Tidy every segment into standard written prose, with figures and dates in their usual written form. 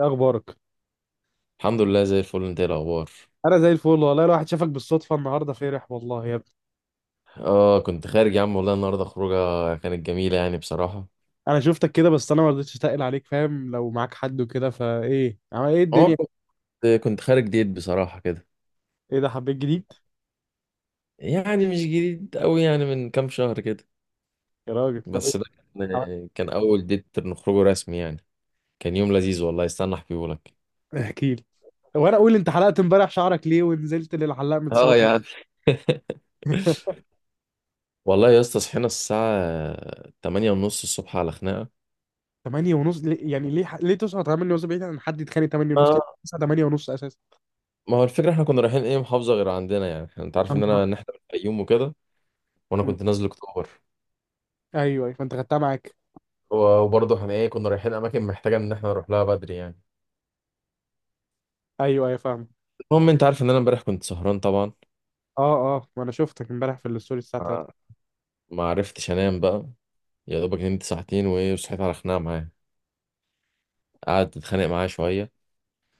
إيه اخبارك؟ الحمد لله زي الفل، انت ايه الاخبار؟ انا زي الفل والله، لو واحد شافك بالصدفه النهارده فرح والله يا ابني. اه كنت خارج يا عم، والله النهارده خروجه كانت جميله بصراحه. انا شفتك كده بس انا ما رضيتش اتقل عليك، فاهم؟ لو معاك حد وكده، فايه عمل ايه اه الدنيا؟ كنت خارج ديت بصراحه كده. ايه ده، حبيت جديد؟ يعني مش جديد قوي، يعني من كام شهر كده. يا راجل طب ايه؟ بس ده عمل- كان اول ديت نخرجه رسمي يعني. كان يوم لذيذ والله، استنى احكيه لك. احكي لي. وانا اقول انت حلقت امبارح شعرك ليه ونزلت للحلاق متسوح. اه يا عم. والله يا اسطى صحينا الساعه 8 ونص الصبح على خناقه. 8 ونص ليه يعني؟ ليه ليه تصحى 8 ونص؟ بعيد عن حد يتخانق 8 ونص، اه، ليه تصحى 8 ونص اساسا؟ ما هو الفكره احنا كنا رايحين ايه، محافظه غير عندنا، يعني انت عارف أنا ان انا ان بروح. احنا من الفيوم وكده، وانا م. كنت نازل اكتوبر. ايوه ايوه، فانت خدتها معاك. وبرضه احنا ايه كنا رايحين اماكن محتاجه ان احنا نروح لها بدري يعني. ايوه ايوه فاهم. المهم انت عارف ان انا امبارح كنت سهران طبعا. اه اه، وانا شفتك امبارح في الستوري الساعه 3. آه، ما عرفتش انام بقى. يا دوبك نمت ساعتين وايه، وصحيت على خناقه معاه، قعدت اتخانق معاه شويه.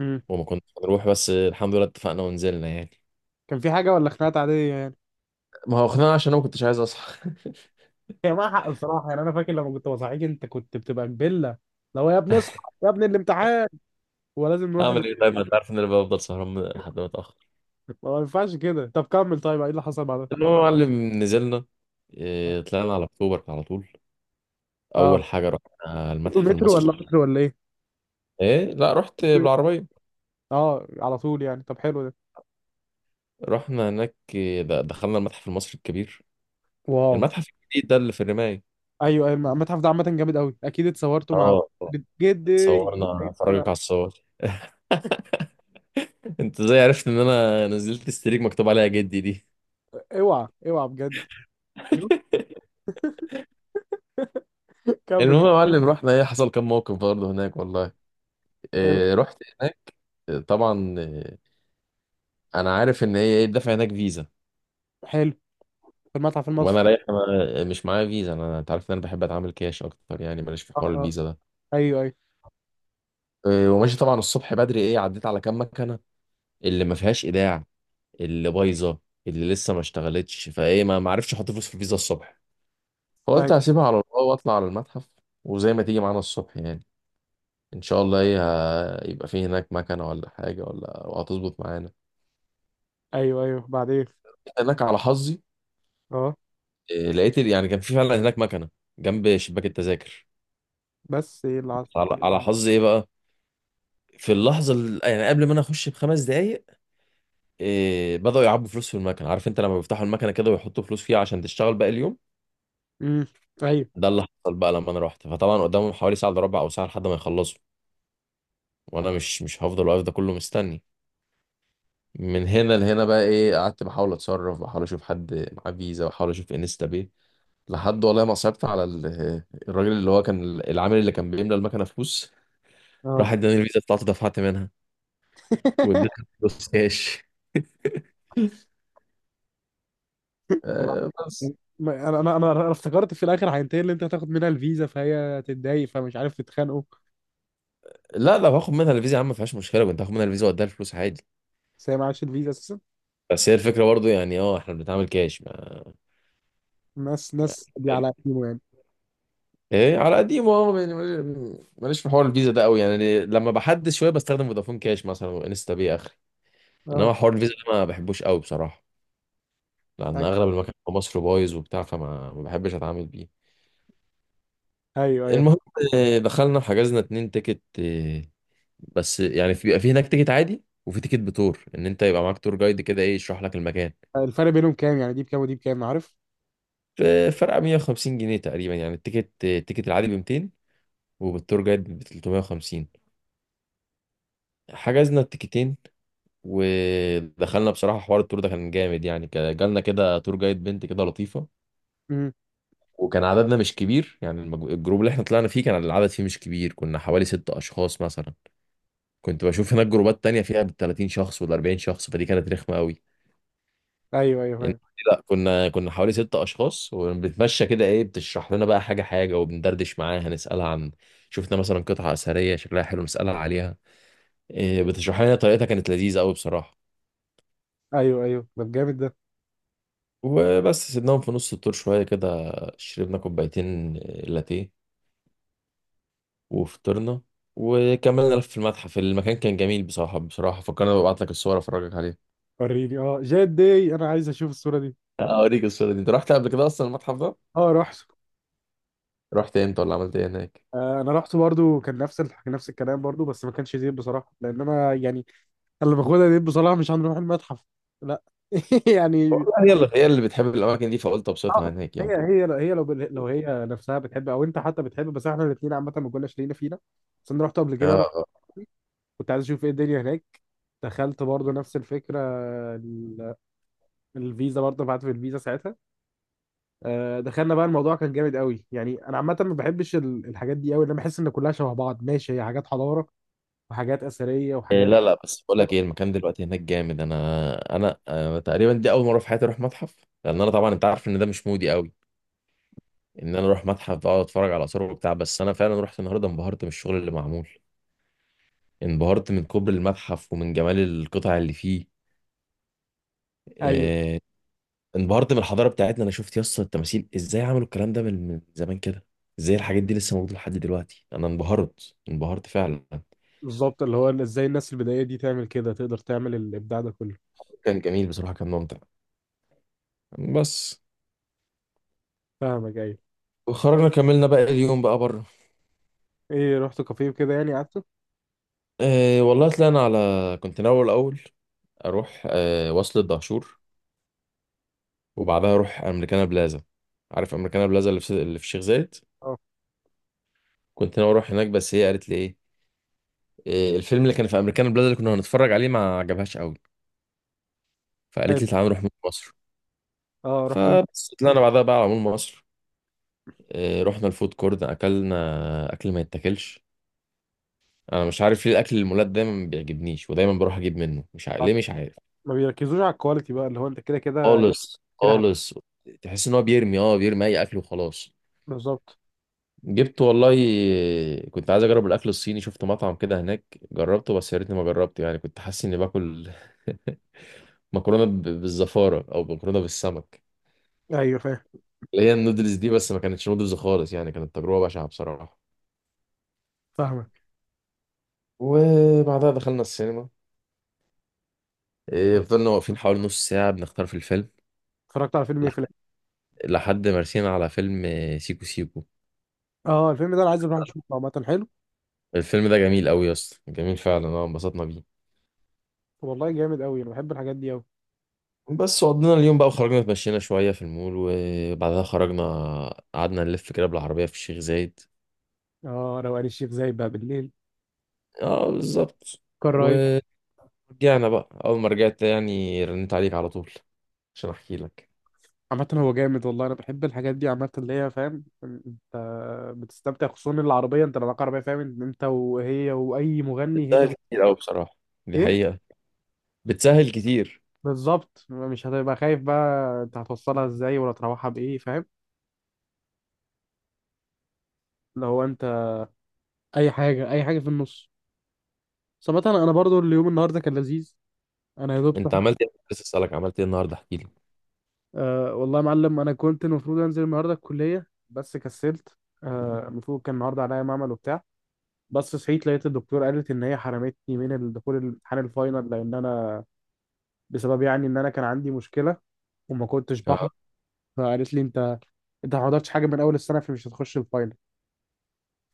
امم. وما كناش هنروح بس الحمد لله اتفقنا ونزلنا يعني. كان في حاجه ولا خناقات عاديه يعني؟ ما هو خناقه عشان انا ما كنتش عايز اصحى. هي معاها حق بصراحة، يعني أنا فاكر لما كنت بصحيك أنت كنت بتبقى كبلة. لو يا ابني اصحى، يا ابني الامتحان، ولازم نروح ال... اعمل ايه طيب؟ ما انت عارف ان انا بفضل سهران لحد ما اتاخر. ما ينفعش كده. طب كمل، طيب إيه اللي حصل بعدها؟ المهم يا معلم نزلنا. طلعنا على اكتوبر على طول. أه. اول حاجه رحنا مترو المتحف مترو ولا المصري. مترو ولا إيه؟ ايه، لا رحت بالعربيه. أه على طول يعني، طب حلو ده. رحنا هناك. دخلنا المتحف المصري الكبير، واو. المتحف الجديد ده اللي في الرماية. أيوه أيوه، المتحف ده عامة جامد أوي، أكيد اتصورتوا مع اه، جد. اتصورنا، فرجك أيوة. على الصور. انت ازاي عرفت ان انا نزلت استريك مكتوب عليها جدي دي؟ اوعى اوعى بجد. شوف. كمل. المهم يا معلم رحنا، ايه حصل كام موقف برضه هناك والله. حلو. إيه رحت هناك. إيه، طبعا إيه، انا عارف ان هي ايه الدفع هناك فيزا. حلو. في المتحف وانا المصري. رايح أنا مش معايا فيزا، انا انت عارف ان انا بحب اتعامل كاش اكتر، يعني ماليش في أه حوار أه. الفيزا ده. أيوه أيوه. إيه وماشي، طبعا الصبح بدري ايه عديت على كام مكنه، اللي ما فيهاش ايداع، اللي بايظه، اللي لسه ما اشتغلتش، فايه ما عرفش احط فلوس في الفيزا الصبح. أيوه فقلت هسيبها على الله واطلع على المتحف، وزي ما تيجي معانا الصبح يعني. ان شاء الله ايه، يبقى في هناك مكنه ولا حاجه ولا، وهتظبط معانا. أيوه. أيوه بعدين. جيت هناك على حظي. أه. إيه، لقيت يعني كان في فعلا هناك مكنه جنب شباك التذاكر. بس إيه اللي حصل؟ على على حظي ايه بقى، في اللحظه يعني قبل ما انا اخش بخمس دقايق، إيه بداوا يعبوا فلوس في المكنه. عارف انت لما بيفتحوا المكنه كده ويحطوا فلوس فيها عشان تشتغل باقي اليوم؟ امم. أيوه. ده اللي حصل بقى لما انا رحت. فطبعا قدامهم حوالي ساعه الا ربع او ساعه لحد ما يخلصوا، وانا مش هفضل واقف ده كله مستني. من هنا لهنا بقى ايه قعدت بحاول اتصرف، بحاول اشوف حد معاه فيزا، بحاول اشوف انستا باي، لحد والله ما صعبت على الراجل اللي هو كان العامل اللي كان بيملى المكنه فلوس. راح أه. اداني الفيزا بتاعته دفعت منها واديتها فلوس كاش. وبعد- آه بس انا انا انا أنا افتكرت في الاخر هينتهي اللي انت هتاخد منها الفيزا، فهي هتتضايق، فمش عارف تتخانقوا. لا لا، باخد منها الفيزا يا عم، ما فيهاش مشكله، كنت هاخد منها الفيزا واديها الفلوس عادي. بس هي معهاش الفيزا اساسا. بس هي الفكره برضه يعني اه احنا بنتعامل كاش يعني. ناس دي يعني على قديمه يعني. ايه على قديمه، اه يعني ماليش في حوار الفيزا ده قوي، يعني لما بحدد شويه بستخدم فودافون كاش مثلا، وانستا باي اخري. اه. انما حوار الفيزا ده ما بحبوش قوي بصراحه، لان اغلب المكان في مصر بايظ وبتاع، فما ما بحبش اتعامل بيه. ايوه ايوه المهم، آه، دخلنا وحجزنا اتنين تيكت. آه، بس يعني في بيبقى في هناك تيكت عادي، وفي تيكت بتور، ان انت يبقى معاك تور جايد كده ايه يشرح لك المكان. فاهم. الفرق بينهم كام يعني؟ دي بكام ودي بكام، عارف؟ ف- فرق 150 جنيه تقريبا، يعني التيكت التيكت العادي ب 200، وبالتور جايد ب 350. حجزنا التيكتين ودخلنا. بصراحة حوار التور ده كان جامد، يعني كان جالنا كده تور جايد بنت كده لطيفة، امم. وكان عددنا مش كبير، يعني الجروب اللي احنا طلعنا فيه كان العدد فيه مش كبير، كنا حوالي ست أشخاص مثلا. كنت بشوف هناك جروبات تانية فيها بالتلاتين شخص والأربعين شخص، فدي كانت رخمة قوي. ايوه ايوه إن- فاهم. لا كنا حوالي ست أشخاص، وبنتمشى كده، إيه بتشرح لنا بقى حاجة حاجة، وبندردش معاها نسألها عن، شفنا مثلا قطعة أثرية شكلها حلو نسألها عليها، إيه بتشرح لنا طريقتها، كانت لذيذة قوي بصراحة. ايوه ايوه، ده جامد ده. وبس سيبناهم في نص الطور شوية كده، شربنا كوبايتين لاتيه وفطرنا، وكملنا لف في المتحف. المكان كان جميل بصراحة، بصراحة فكرنا ببعت لك الصور أفرجك عليها. وريني، اه جاد داي، انا عايز اشوف الصوره دي. أوريك الصورة دي، أنت رحت قبل كده أصلا المتحف ده؟ اه رحت. رحت إمتى، ولا عملت إيه هناك؟ آه، انا رحت برضو، كان نفس ال... نفس الكلام برضو، بس ما كانش زين بصراحه لان انا يعني أنا اللي باخدها دي بصراحه مش هنروح المتحف. لا. يعني والله هي اللي بتحب الأماكن دي، فقلت آه، أبسطها هناك يعني. هي لو هي نفسها بتحب او انت حتى بتحب، بس احنا الاثنين عامه ما كناش لينا فينا. بس انا رحت قبل كده انا آه، آه. وأختي، كنت عايز اشوف ايه الدنيا هناك. دخلت برضه نفس الفكره، ال- الفيزا برضه، بعت في الفيزا ساعتها. آه، دخلنا بقى، الموضوع كان جامد قوي يعني. انا عامه ما بحبش الحاجات دي قوي، لان أنا بحس ان كلها شبه بعض. ماشي، هي حاجات حضاره وحاجات اثريه إيه وحاجات. لا لا، بس بقول لك إيه، المكان دلوقتي هناك جامد، أنا آه، تقريبا دي أول مرة في حياتي أروح متحف، لأن أنا طبعا أنت عارف إن ده مش مودي أوي ان انا اروح متحف بقى اقعد اتفرج على اثار وبتاع. بس انا فعلا رحت النهارده، انبهرت من الشغل اللي معمول، انبهرت من كبر المتحف ومن جمال القطع اللي فيه. ايوه آه، انبهرت من الحضاره بتاعتنا، انا شفت يس التماثيل ازاي عملوا الكلام ده من زمان كده، ازاي الحاجات دي لسه موجوده لحد دلوقتي. انا انبهرت، انبهرت فعلا. بالظبط، اللي هو ازاي الناس البدائيه دي تعمل كده، تقدر تعمل الابداع ده كله. كان جميل بصراحه، كان ممتع بس. فاهمك، ايوه. وخرجنا كملنا بقى اليوم بقى بره. ايه رحت كافيه وكده يعني، قعدت. أه والله طلعنا على، كنت ناوي الاول اروح أه وصل الدهشور، وبعدها اروح امريكانا بلازا. عارف امريكانا بلازا اللي في الشيخ زايد؟ اه. كنت ناوي اروح هناك، بس هي قالت لي ايه، إيه، الفيلم اللي كان في امريكانا بلازا اللي كنا هنتفرج عليه ما عجبهاش قوي، فقالت حلو. لي تعالى نروح مول مصر. اه رحت. فبس طلعنا بعدها بقى على مول مصر. إيه، رحنا الفود كورت، اكلنا اكل ما يتاكلش. انا مش عارف ليه الاكل المولات دايما ما بيعجبنيش، ودايما بروح اجيب منه، مش عارف ليه، مش عارف. ما بيركزوش على الكواليتي بقى، اللي هو انت كده كده خالص كده هت... خالص. تحس ان هو بيرمي، اه بيرمي اي اكل وخلاص. بالظبط. جبت والله، كنت عايز اجرب الاكل الصيني، شفت مطعم كده هناك جربته، بس يا ريتني ما جربته، يعني كنت حاسس اني باكل مكرونه بالزفاره، او مكرونه بالسمك، ايوه فاهم. اللي هي النودلز دي، بس ما كانتش نودلز خالص، يعني كانت تجربه بشعه بصراحه. فاهمك. وبعدها دخلنا السينما. إيه، فضلنا واقفين حوالي نص ساعه بنختار في الفيلم. اتفرجت على فيلم ايه في لح- الآخر؟ لحد ما رسينا على فيلم آه، سيكو سيكو. اه الفيلم ده انا عايز اروح اشوفه، عامه حلو. الفيلم ده جميل قوي يا اسطى، جميل فعلا، اه انبسطنا بيه. والله جامد قوي، انا بحب الحاجات دي قوي. بس قضينا اليوم بقى، وخرجنا اتمشينا شوية في المول، وبعدها خرجنا، قعدنا نلف كده بالعربية في الشيخ زايد. اه، روقان الشيخ زايد بقى بالليل، اه بالظبط. كان رايق. ورجعنا. بقى أول ما رجعت يعني رنيت عليك على طول عشان أحكي لك. عامة هو جامد والله، انا بحب الحاجات دي عامة، اللي هي فاهم انت بتستمتع، خصوصا العربية، انت لو معاك عربية فاهم إن انت وهي واي مغني، هي بتسهل بت... كتير أوي بصراحة، دي ايه حقيقة. بتسهل كتير. بالظبط. مش هتبقى خايف بقى انت هتوصلها ازاي ولا تروحها بايه، فاهم؟ لو انت اي حاجة اي حاجة في النص. صراحة أنا برضو اليوم النهارده كان لذيذ. انا يا دوب أنت صحيت. عملت إيه؟ بس أسألك، عملت إيه النهاردة؟ احكي لي. أه والله يا معلم، انا كنت المفروض انزل النهارده الكليه بس كسلت. آه، المفروض كان النهارده عليا معمل وبتاع، بس صحيت لقيت الدكتور قالت ان هي حرمتني من الدخول الامتحان الفاينل، لان انا بسبب يعني ان انا كان عندي مشكله وما كنتش آه، بحضر. فقالت لي انت، انت ما حضرتش حاجه من اول السنه فمش هتخش الفاينل.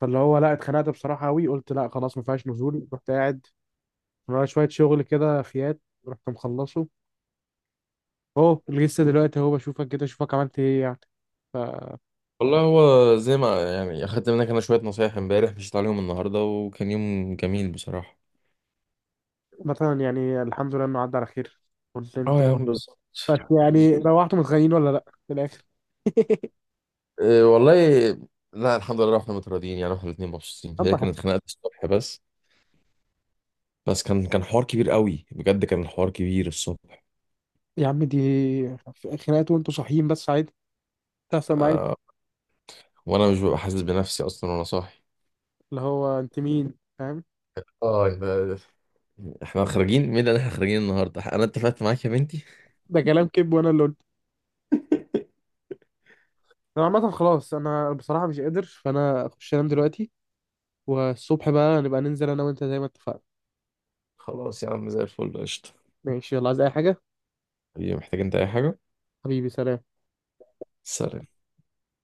فاللي هو لا، اتخنقت بصراحه قوي، قلت لا خلاص ما فيهاش نزول. رحت قاعد ورايا شويه شغل كده فيات، رحت مخلصه، اهو لسه دلوقتي اهو بشوفك كده اشوفك عملت ايه يعني. والله هو زي ما يعني أخدت منك أنا شوية نصايح امبارح، مشيت عليهم النهاردة وكان يوم جميل بصراحة. فمثلا يعني الحمد لله انه عدى على خير. كنت اه انتوا، يا عم بالظبط. بس بالظبط. يعني روحتوا متخانقين ولا لا في الاخر؟ إيه والله. لا الحمد لله احنا متراضيين يعني، احنا الاثنين مبسوطين، هي اما حاجة. كانت خناقه الصبح بس. بس كان حوار كبير قوي بجد، كان الحوار كبير الصبح. يا عم دي خناقات وانتوا صاحيين، بس عادي، تحصل معايا. آه. وانا مش ببقى حاسس بنفسي اصلا وانا صاحي. اللي هو انت مين، فاهم؟ اه يبقى احنا خارجين مين، اللي احنا خارجين النهارده انا اتفقت معاك يا بنتي. ده كلام كذب، وانا اللي قلت. انا عامه خلاص، انا بصراحه مش قادر، فانا اخش انام دلوقتي، والصبح بقى نبقى ننزل انا وانت زي ما اتفقنا. خلاص يا عم زي الفل قشطه. ماشي، يلا، عايز اي حاجه؟ حبيبي محتاج انت اي حاجه؟ حبيبي سلام. سلام.